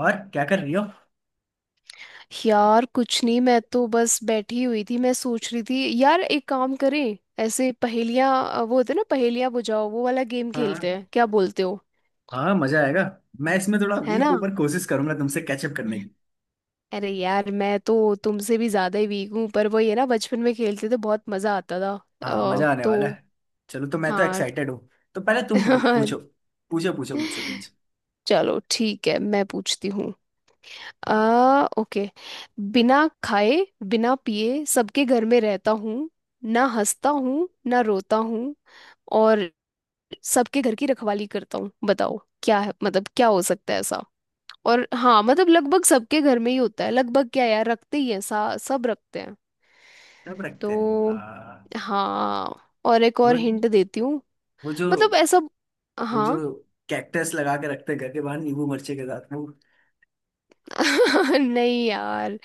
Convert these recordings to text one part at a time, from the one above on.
और क्या कर रही हो। यार कुछ नहीं, मैं तो बस बैठी हुई थी। मैं सोच रही थी यार, एक काम करें, ऐसे पहेलियां वो होते हैं ना, पहेलियां बुझाओ, वो वाला गेम खेलते हाँ। हैं, क्या बोलते हो। हाँ मजा आएगा। मैं इसमें थोड़ा है वीक ना। ऊपर कोशिश करूंगा तुमसे कैचअप करने की। अरे यार, मैं तो तुमसे भी ज्यादा ही वीक हूँ, पर वो ये ना, बचपन में खेलते थे, बहुत मजा आता था। हाँ मजा आने वाला तो है। चलो तो मैं तो हाँ। एक्साइटेड हूँ। तो पहले तुम पूछो। पूछो पूछो मुझसे कुछ। चलो ठीक है, मैं पूछती हूँ। आ। ओके। बिना खाए बिना पिए सबके घर में रहता हूँ, ना हंसता हूँ ना रोता हूँ, और सबके घर की रखवाली करता हूँ। बताओ क्या है, मतलब क्या हो सकता है ऐसा। और हाँ, मतलब लगभग सबके घर में ही होता है। लगभग क्या यार, रखते ही हैं, सा सब रखते हैं। कब रखते हैं? तो हाँ, और एक वो, और हिंट देती हूँ। वो जो मतलब ऐसा। वो जो हाँ। कैक्टस लगा के रखते हैं घर के बाहर नींबू मिर्चे के साथ, वो? नहीं यार,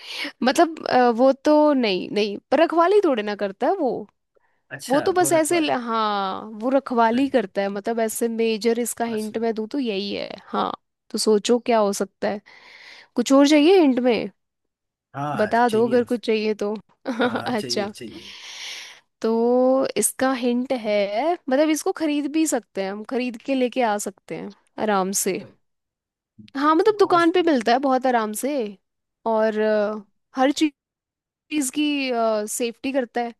मतलब वो तो नहीं नहीं, पर रखवाली थोड़े ना करता है वो। वो अच्छा तो वो बस रखवा ऐसे है। हाँ वो रखवाली रख- करता है, मतलब ऐसे मेजर इसका हिंट अच्छा। मैं दूँ तो यही है, हाँ। तो सोचो क्या हो सकता है। कुछ और चाहिए हिंट में, हाँ बता दो अगर चाहिए। कुछ चाहिए तो। हाँ चाहिए अच्छा, चाहिए। तो इसका हिंट है, मतलब इसको खरीद भी सकते हैं, हम खरीद के लेके आ सकते हैं आराम से। हाँ तो, मतलब दुकान पे मिलता है बहुत आराम से। और हर चीज की सेफ्टी करता है।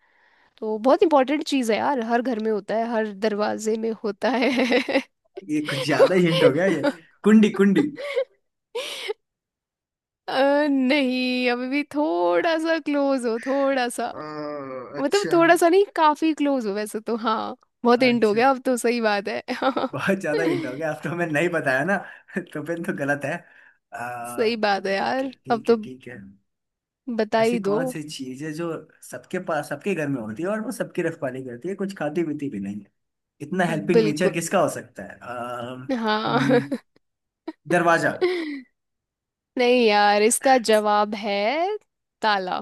तो बहुत इंपॉर्टेंट चीज़ है यार, हर घर में होता है, हर दरवाजे में होता है। ये कुछ ज्यादा हिंट हो गया ये। कुंडी कुंडी। नहीं, अभी भी थोड़ा सा क्लोज हो, थोड़ा सा। अ, मतलब अच्छा। थोड़ा सा नहीं, काफी क्लोज हो वैसे तो, हाँ। बहुत हिंट हो अच्छा गया अब तो, सही बात है। बहुत ज्यादा हिंट हो गया अब तो, मैं नहीं बताया ना तो फिर तो गलत है। आ, सही बात है ठीक है यार, अब ठीक है तो ठीक है। बता ऐसी ही दो। कौन सी चीज है जो सबके पास, सबके घर में होती है, और वो सबकी रखवाली करती है, कुछ खाती पीती भी नहीं है? इतना हेल्पिंग नेचर बिल्कुल। किसका हो सकता है? हाँ। दरवाजा। नहीं यार, इसका जवाब है ताला।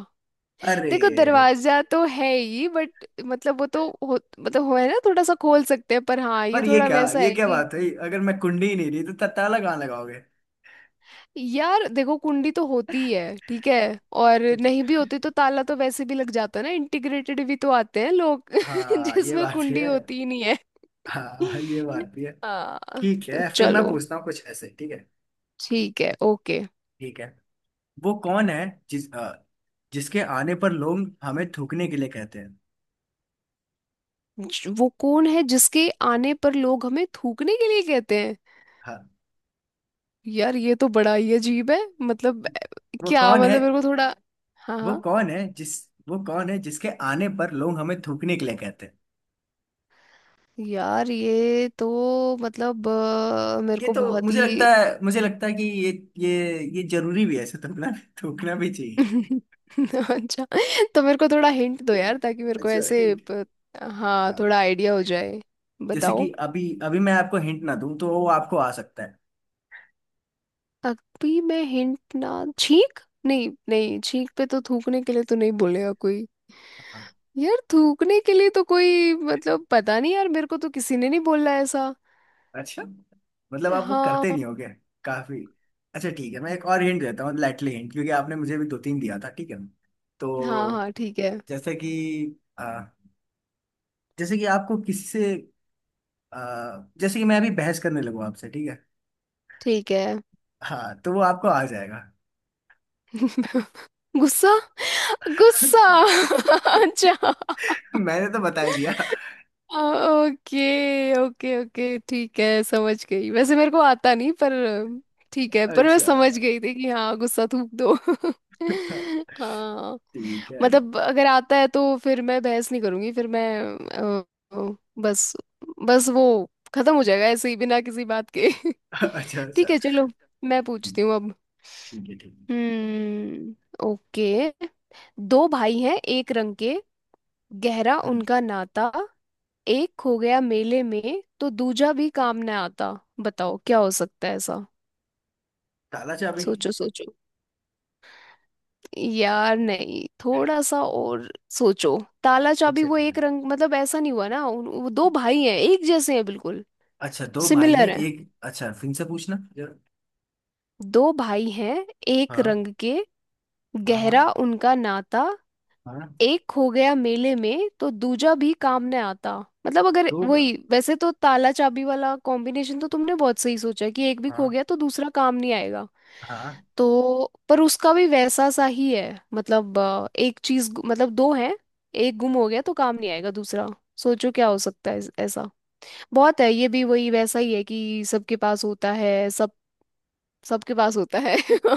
अरे देखो दरवाजा तो है ही, बट मतलब वो तो मतलब हो है ना, थोड़ा सा खोल सकते हैं, पर हाँ ये पर ये थोड़ा क्या, वैसा ये है क्या कि। बात हुई? अगर मैं कुंडी ही नहीं दी तो ताला कहाँ लगाओगे? यार देखो कुंडी तो होती ही है ठीक है, और अच्छा, नहीं भी होती तो ताला तो वैसे भी लग जाता है ना, इंटीग्रेटेड भी तो आते हैं लोग हाँ ये जिसमें बात भी कुंडी है। होती ही नहीं है। हाँ ये बात भी है। हाँ। ठीक तो है फिर मैं चलो पूछता हूँ कुछ ऐसे, ठीक है? ठीक है, ओके। ठीक है। वो कौन है जिस अ, जिसके आने पर लोग हमें थूकने के लिए कहते हैं? वो कौन है जिसके आने पर लोग हमें थूकने के लिए कहते हैं। हाँ। यार ये तो बड़ा ही अजीब है, मतलब वो क्या, कौन है? मतलब मेरे को थोड़ा, हाँ वो हाँ। कौन है जिस वो कौन है जिसके आने पर लोग हमें थूकने के लिए कहते हैं? यार ये तो मतलब मेरे ये को तो बहुत मुझे लगता ही। है, मुझे लगता है कि ये, ये जरूरी भी है ऐसे थूकना। थूकना भी चाहिए। अच्छा, तो मेरे को थोड़ा हिंट दो यार, ताकि मेरे को अच्छा, ऐसे हिंट। हाँ हाँ। थोड़ा आइडिया हो जाए। जैसे कि बताओ। अभी अभी मैं आपको हिंट ना दूं तो वो आपको आ सकता अभी मैं हिंट ना छींक। नहीं नहीं, छींक पे तो थूकने के लिए तो नहीं बोलेगा कोई। है। यार थूकने के लिए तो कोई, मतलब पता नहीं यार, मेरे को तो किसी ने नहीं बोला ऐसा। अच्छा, मतलब आप वो करते हाँ। नहीं होगे काफी। अच्छा ठीक है मैं एक और हिंट देता हूँ, लाइटली हिंट, क्योंकि आपने मुझे भी दो तीन दिया था, ठीक है? तो हाँ हाँ ठीक है जैसे कि, आ, जैसे कि आपको किसी से, आ, जैसे कि मैं अभी बहस करने लगूँ आपसे, ठीक है? ठीक है। हाँ तो वो आपको आ जाएगा। गुस्सा, गुस्सा। अच्छा। मैंने तो बता ही दिया। Okay okay okay. ठीक है, समझ गई, वैसे मेरे को आता नहीं पर। ठीक है, पर मैं अच्छा समझ गई थी कि हाँ, गुस्सा थूक दो। हाँ। ठीक है। मतलब अगर आता है तो फिर मैं बहस नहीं करूंगी, फिर मैं अ, अ, बस बस वो खत्म हो जाएगा ऐसे ही बिना किसी बात के। अच्छा ठीक सर। है चलो, मैं पूछती हूँ अब। ठीक है ठीक है। हम्म। ओके। दो भाई हैं एक रंग के, गहरा हम्म, उनका नाता, एक खो गया मेले में तो दूजा भी काम न आता। बताओ क्या हो सकता है ऐसा। ताला चाबी। सोचो सोचो। यार नहीं, थोड़ा सा और सोचो। ताला चाबी, अच्छा वो ठीक एक है। रंग, मतलब ऐसा नहीं हुआ ना, वो दो भाई हैं, एक जैसे हैं बिल्कुल, अच्छा दो भाई सिमिलर हैं हैं। एक, अच्छा फिर से पूछना। दो भाई हैं एक हाँ रंग के, हाँ। हाँ गहरा उनका नाता, हाँ। एक हो गया मेले में तो दूजा भी काम ने आता। मतलब अगर दो बार। वही वैसे तो, ताला चाबी वाला कॉम्बिनेशन तो तुमने बहुत सही सोचा कि एक भी खो हाँ। गया तो दूसरा काम नहीं आएगा। हाँ। तो पर उसका भी वैसा सा ही है, मतलब एक चीज मतलब दो है, एक गुम हो गया तो काम नहीं आएगा दूसरा। सोचो क्या हो सकता है ऐसा। बहुत है, ये भी वही वैसा ही है कि सबके पास होता है, सब सबके पास होता है।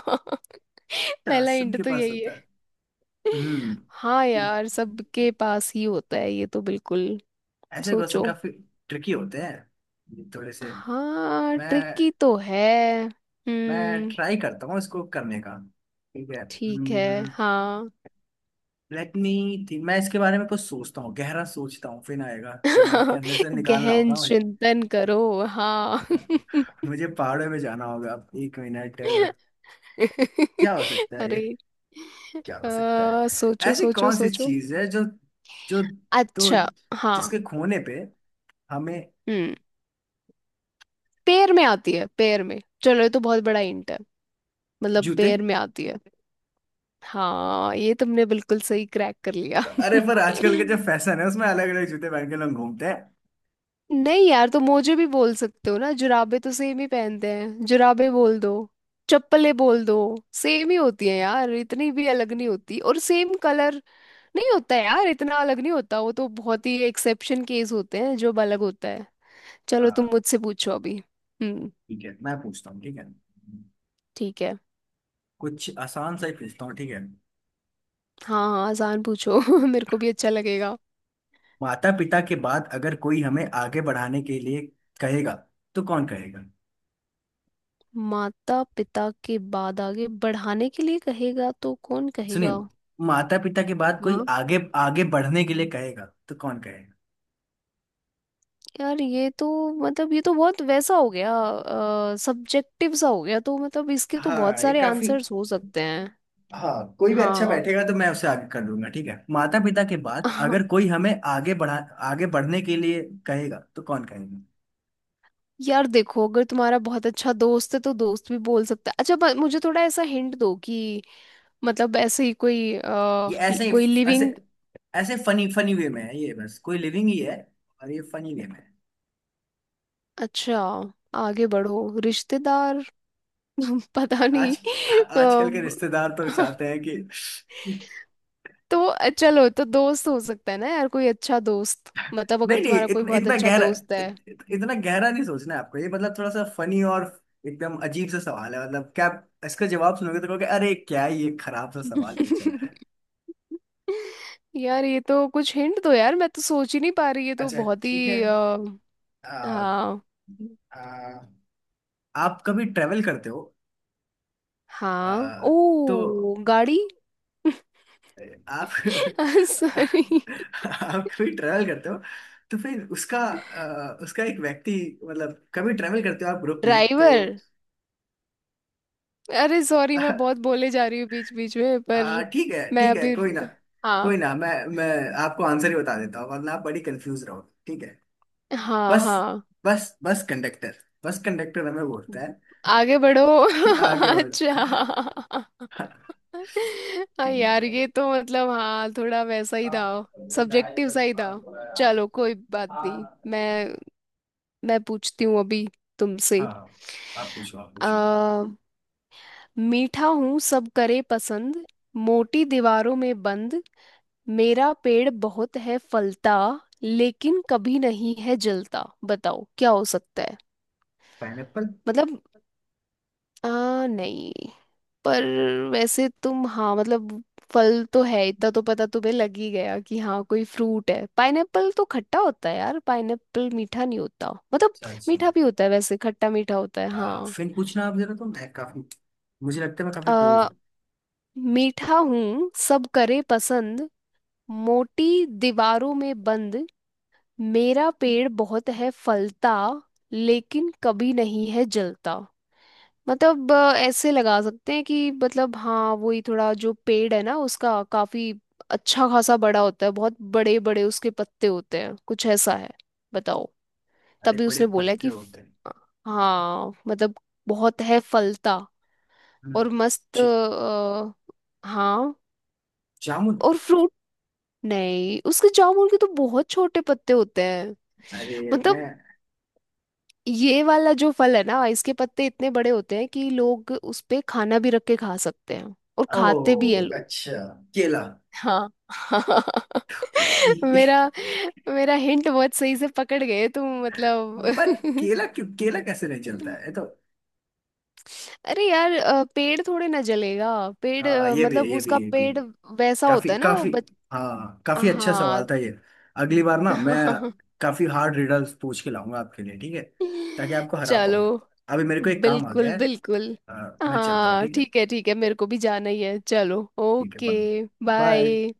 अच्छा, पहला इंट सबके तो पास यही होता है। है। हम्म। हाँ यार, सबके पास ही होता है, ये तो बिल्कुल। ऐसे क्वेश्चन सोचो। काफी ट्रिकी होते हैं ये थोड़े से। हाँ मैं ट्रिकी तो है। मैं हम्म। ट्राई करता हूँ इसको करने का। ठीक है। ठीक है। हाँ। लेट मी थिंक, मैं इसके बारे में कुछ सोचता हूँ, गहरा सोचता हूँ, फिर आएगा, दिमाग के अंदर से निकालना गहन होगा मुझे। चिंतन करो। हाँ। मुझे पहाड़ों में जाना होगा। एक मिनट। क्या हो सकता है ये? अरे, क्या हो सकता है? सोचो ऐसी सोचो कौन सी सोचो। चीज है जो, जो, तो अच्छा। हाँ। जिसके खोने पे हमें, हम्म। पैर में आती है, पैर में। चलो ये तो बहुत बड़ा हिंट है, मतलब जूते। पैर में आती है। हाँ ये तुमने बिल्कुल सही क्रैक कर लिया। अरे पर आजकल के जो फैशन है उसमें अलग अलग जूते पहन के लोग घूमते हैं। नहीं यार, तो मोजे भी बोल सकते हो ना, जुराबे तो सेम ही पहनते हैं, जुराबे बोल दो, चप्पलें बोल दो, सेम ही होती है यार, इतनी भी अलग नहीं होती, और सेम कलर नहीं होता यार, इतना अलग नहीं होता, वो तो बहुत ही एक्सेप्शन केस होते हैं जो अलग होता है। चलो तुम हाँ, मुझसे पूछो अभी। हम्म। ठीक है मैं पूछता हूँ, ठीक है? ठीक है। कुछ आसान सा ही पूछता हूँ, ठीक है? हाँ हाँ आसान पूछो। मेरे को भी अच्छा लगेगा। माता पिता के बाद अगर कोई हमें आगे बढ़ाने के लिए कहेगा, तो कौन कहेगा? माता पिता के बाद आगे बढ़ाने के लिए कहेगा तो कौन सुनिए, कहेगा। माता पिता के बाद कोई हाँ आगे, आगे बढ़ने के लिए कहेगा, तो कौन कहेगा? यार ये तो मतलब, ये तो बहुत वैसा हो गया, सब्जेक्टिव सा हो गया, तो मतलब इसके तो बहुत हाँ ये सारे काफी। आंसर्स हो सकते हैं। हाँ कोई भी अच्छा हाँ। बैठेगा तो मैं उसे आगे कर दूंगा, ठीक है? माता पिता के बाद हाँ। अगर कोई हमें आगे बढ़ा, आगे बढ़ने के लिए कहेगा, तो कौन कहेगा? यार देखो, अगर तुम्हारा बहुत अच्छा दोस्त है तो दोस्त भी बोल सकता है। अच्छा मुझे थोड़ा ऐसा हिंट दो कि मतलब ऐसे ही कोई ये ऐसे कोई ही, ऐसे, लिविंग। ऐसे फनी फनी वे में है ये, बस कोई लिविंग ही है, और ये फनी वे में है। अच्छा, आगे बढ़ो, रिश्तेदार। पता नहीं। आज, आजकल के अम, रिश्तेदार तो चाहते हैं कि, तो चलो, तो दोस्त हो सकता है ना यार, कोई अच्छा दोस्त, मतलब नहीं अगर नहीं तुम्हारा कोई इतना, बहुत इतना अच्छा गहरा, दोस्त है। इत, इत- इतना गहरा नहीं सोचना है आपको ये, मतलब थोड़ा सा फनी, और एकदम अजीब सा सवाल है, मतलब क्या आप इसका जवाब सुनोगे तो कहोगे अरे क्या ये खराब सा सवाल पूछा है। यार ये तो कुछ हिंट दो यार, मैं तो सोच ही नहीं पा रही, ये तो अच्छा बहुत ठीक ही है। हाँ आ, आप कभी ट्रेवल करते हो? हाँ। आ, तो ओ गाड़ी। आप, सॉरी। आप कभी ट्रेवल करते हो? तो फिर उसका, उसका एक व्यक्ति, मतलब कभी ट्रेवल करते हो आप ग्रुप में तो? ड्राइवर। अरे सॉरी, मैं आ, बहुत बोले जा रही हूँ बीच बीच में पर। आ, ठीक है मैं ठीक है, अभी। कोई ना, हाँ। कोई ना, मैं आपको आंसर ही बता देता हूँ वरना आप बड़ी कंफ्यूज रहोगे, ठीक है? हाँ बस, हाँ। बस कंडक्टर। बस कंडक्टर हमें बोलता है आगे बढ़ो। कि आगे बढ़ो। अच्छा। हाँ यार, ये तो मतलब हाँ थोड़ा वैसा ही था, सब्जेक्टिव सा ही था। चलो कोई बात नहीं, मैं मैं पूछती हूँ अभी तुमसे। हाँ आप पूछो आप पूछो। आ, मीठा हूँ सब करे पसंद, मोटी दीवारों में बंद, मेरा पेड़ बहुत है फलता, लेकिन कभी नहीं है जलता। बताओ क्या हो सकता है। पाइनएप्पल। मतलब नहीं, पर वैसे तुम हाँ मतलब फल तो है, इतना तो पता तुम्हें लग ही गया कि हाँ कोई फ्रूट है। पाइनएप्पल तो खट्टा होता है यार, पाइनएप्पल मीठा नहीं होता, मतलब अच्छा अच्छा मीठा भी होता है वैसे, खट्टा मीठा होता है, हाँ। फिर पूछना आप जरा, तुम है काफी, मुझे लगता है मैं काफी क्लोज आ, हूँ। मीठा हूँ सब करे पसंद, मोटी दीवारों में बंद, मेरा पेड़ बहुत है फलता, लेकिन कभी नहीं है जलता। मतलब ऐसे लगा सकते हैं कि मतलब हाँ, वही थोड़ा जो पेड़ है ना, उसका काफी अच्छा खासा बड़ा होता है, बहुत बड़े बड़े उसके पत्ते होते हैं, कुछ ऐसा है। बताओ। बड़े तभी बड़े उसने बोला पत्ते कि होते हैं। हाँ मतलब, बहुत है फलता हम्म, और मस्त ज- हाँ जामुन। और फ्रूट। नहीं उसके, जामुन के तो बहुत छोटे पत्ते होते हैं। अरे, मैं, मतलब ये वाला जो फल है ना, इसके पत्ते इतने बड़े होते हैं कि लोग उस पे खाना भी रख के खा सकते हैं, और खाते भी हैं ओ लोग। अच्छा, केला। हाँ। मेरा मेरा हिंट बहुत सही से पकड़ गए तुम, पर मतलब। केला क्यों, केला कैसे नहीं चलता है ये तो। अरे यार, पेड़ थोड़े ना जलेगा, पेड़ हाँ ये भी है, मतलब ये भी उसका है, ये भी। पेड़ वैसा काफी होता है ना वो काफी। बच। हाँ काफी अच्छा हाँ। सवाल था ये। अगली बार ना मैं काफी हार्ड रिडल्स पूछ के लाऊंगा आपके लिए, ठीक है, ताकि आपको हरा चलो। पाऊं। अभी मेरे को एक काम आ बिल्कुल गया है। बिल्कुल। मैं चलता हूँ, हाँ ठीक है? ठीक है ठीक है, मेरे को भी जाना ही है, चलो ठीक है ओके। बाय। बाय। बाय।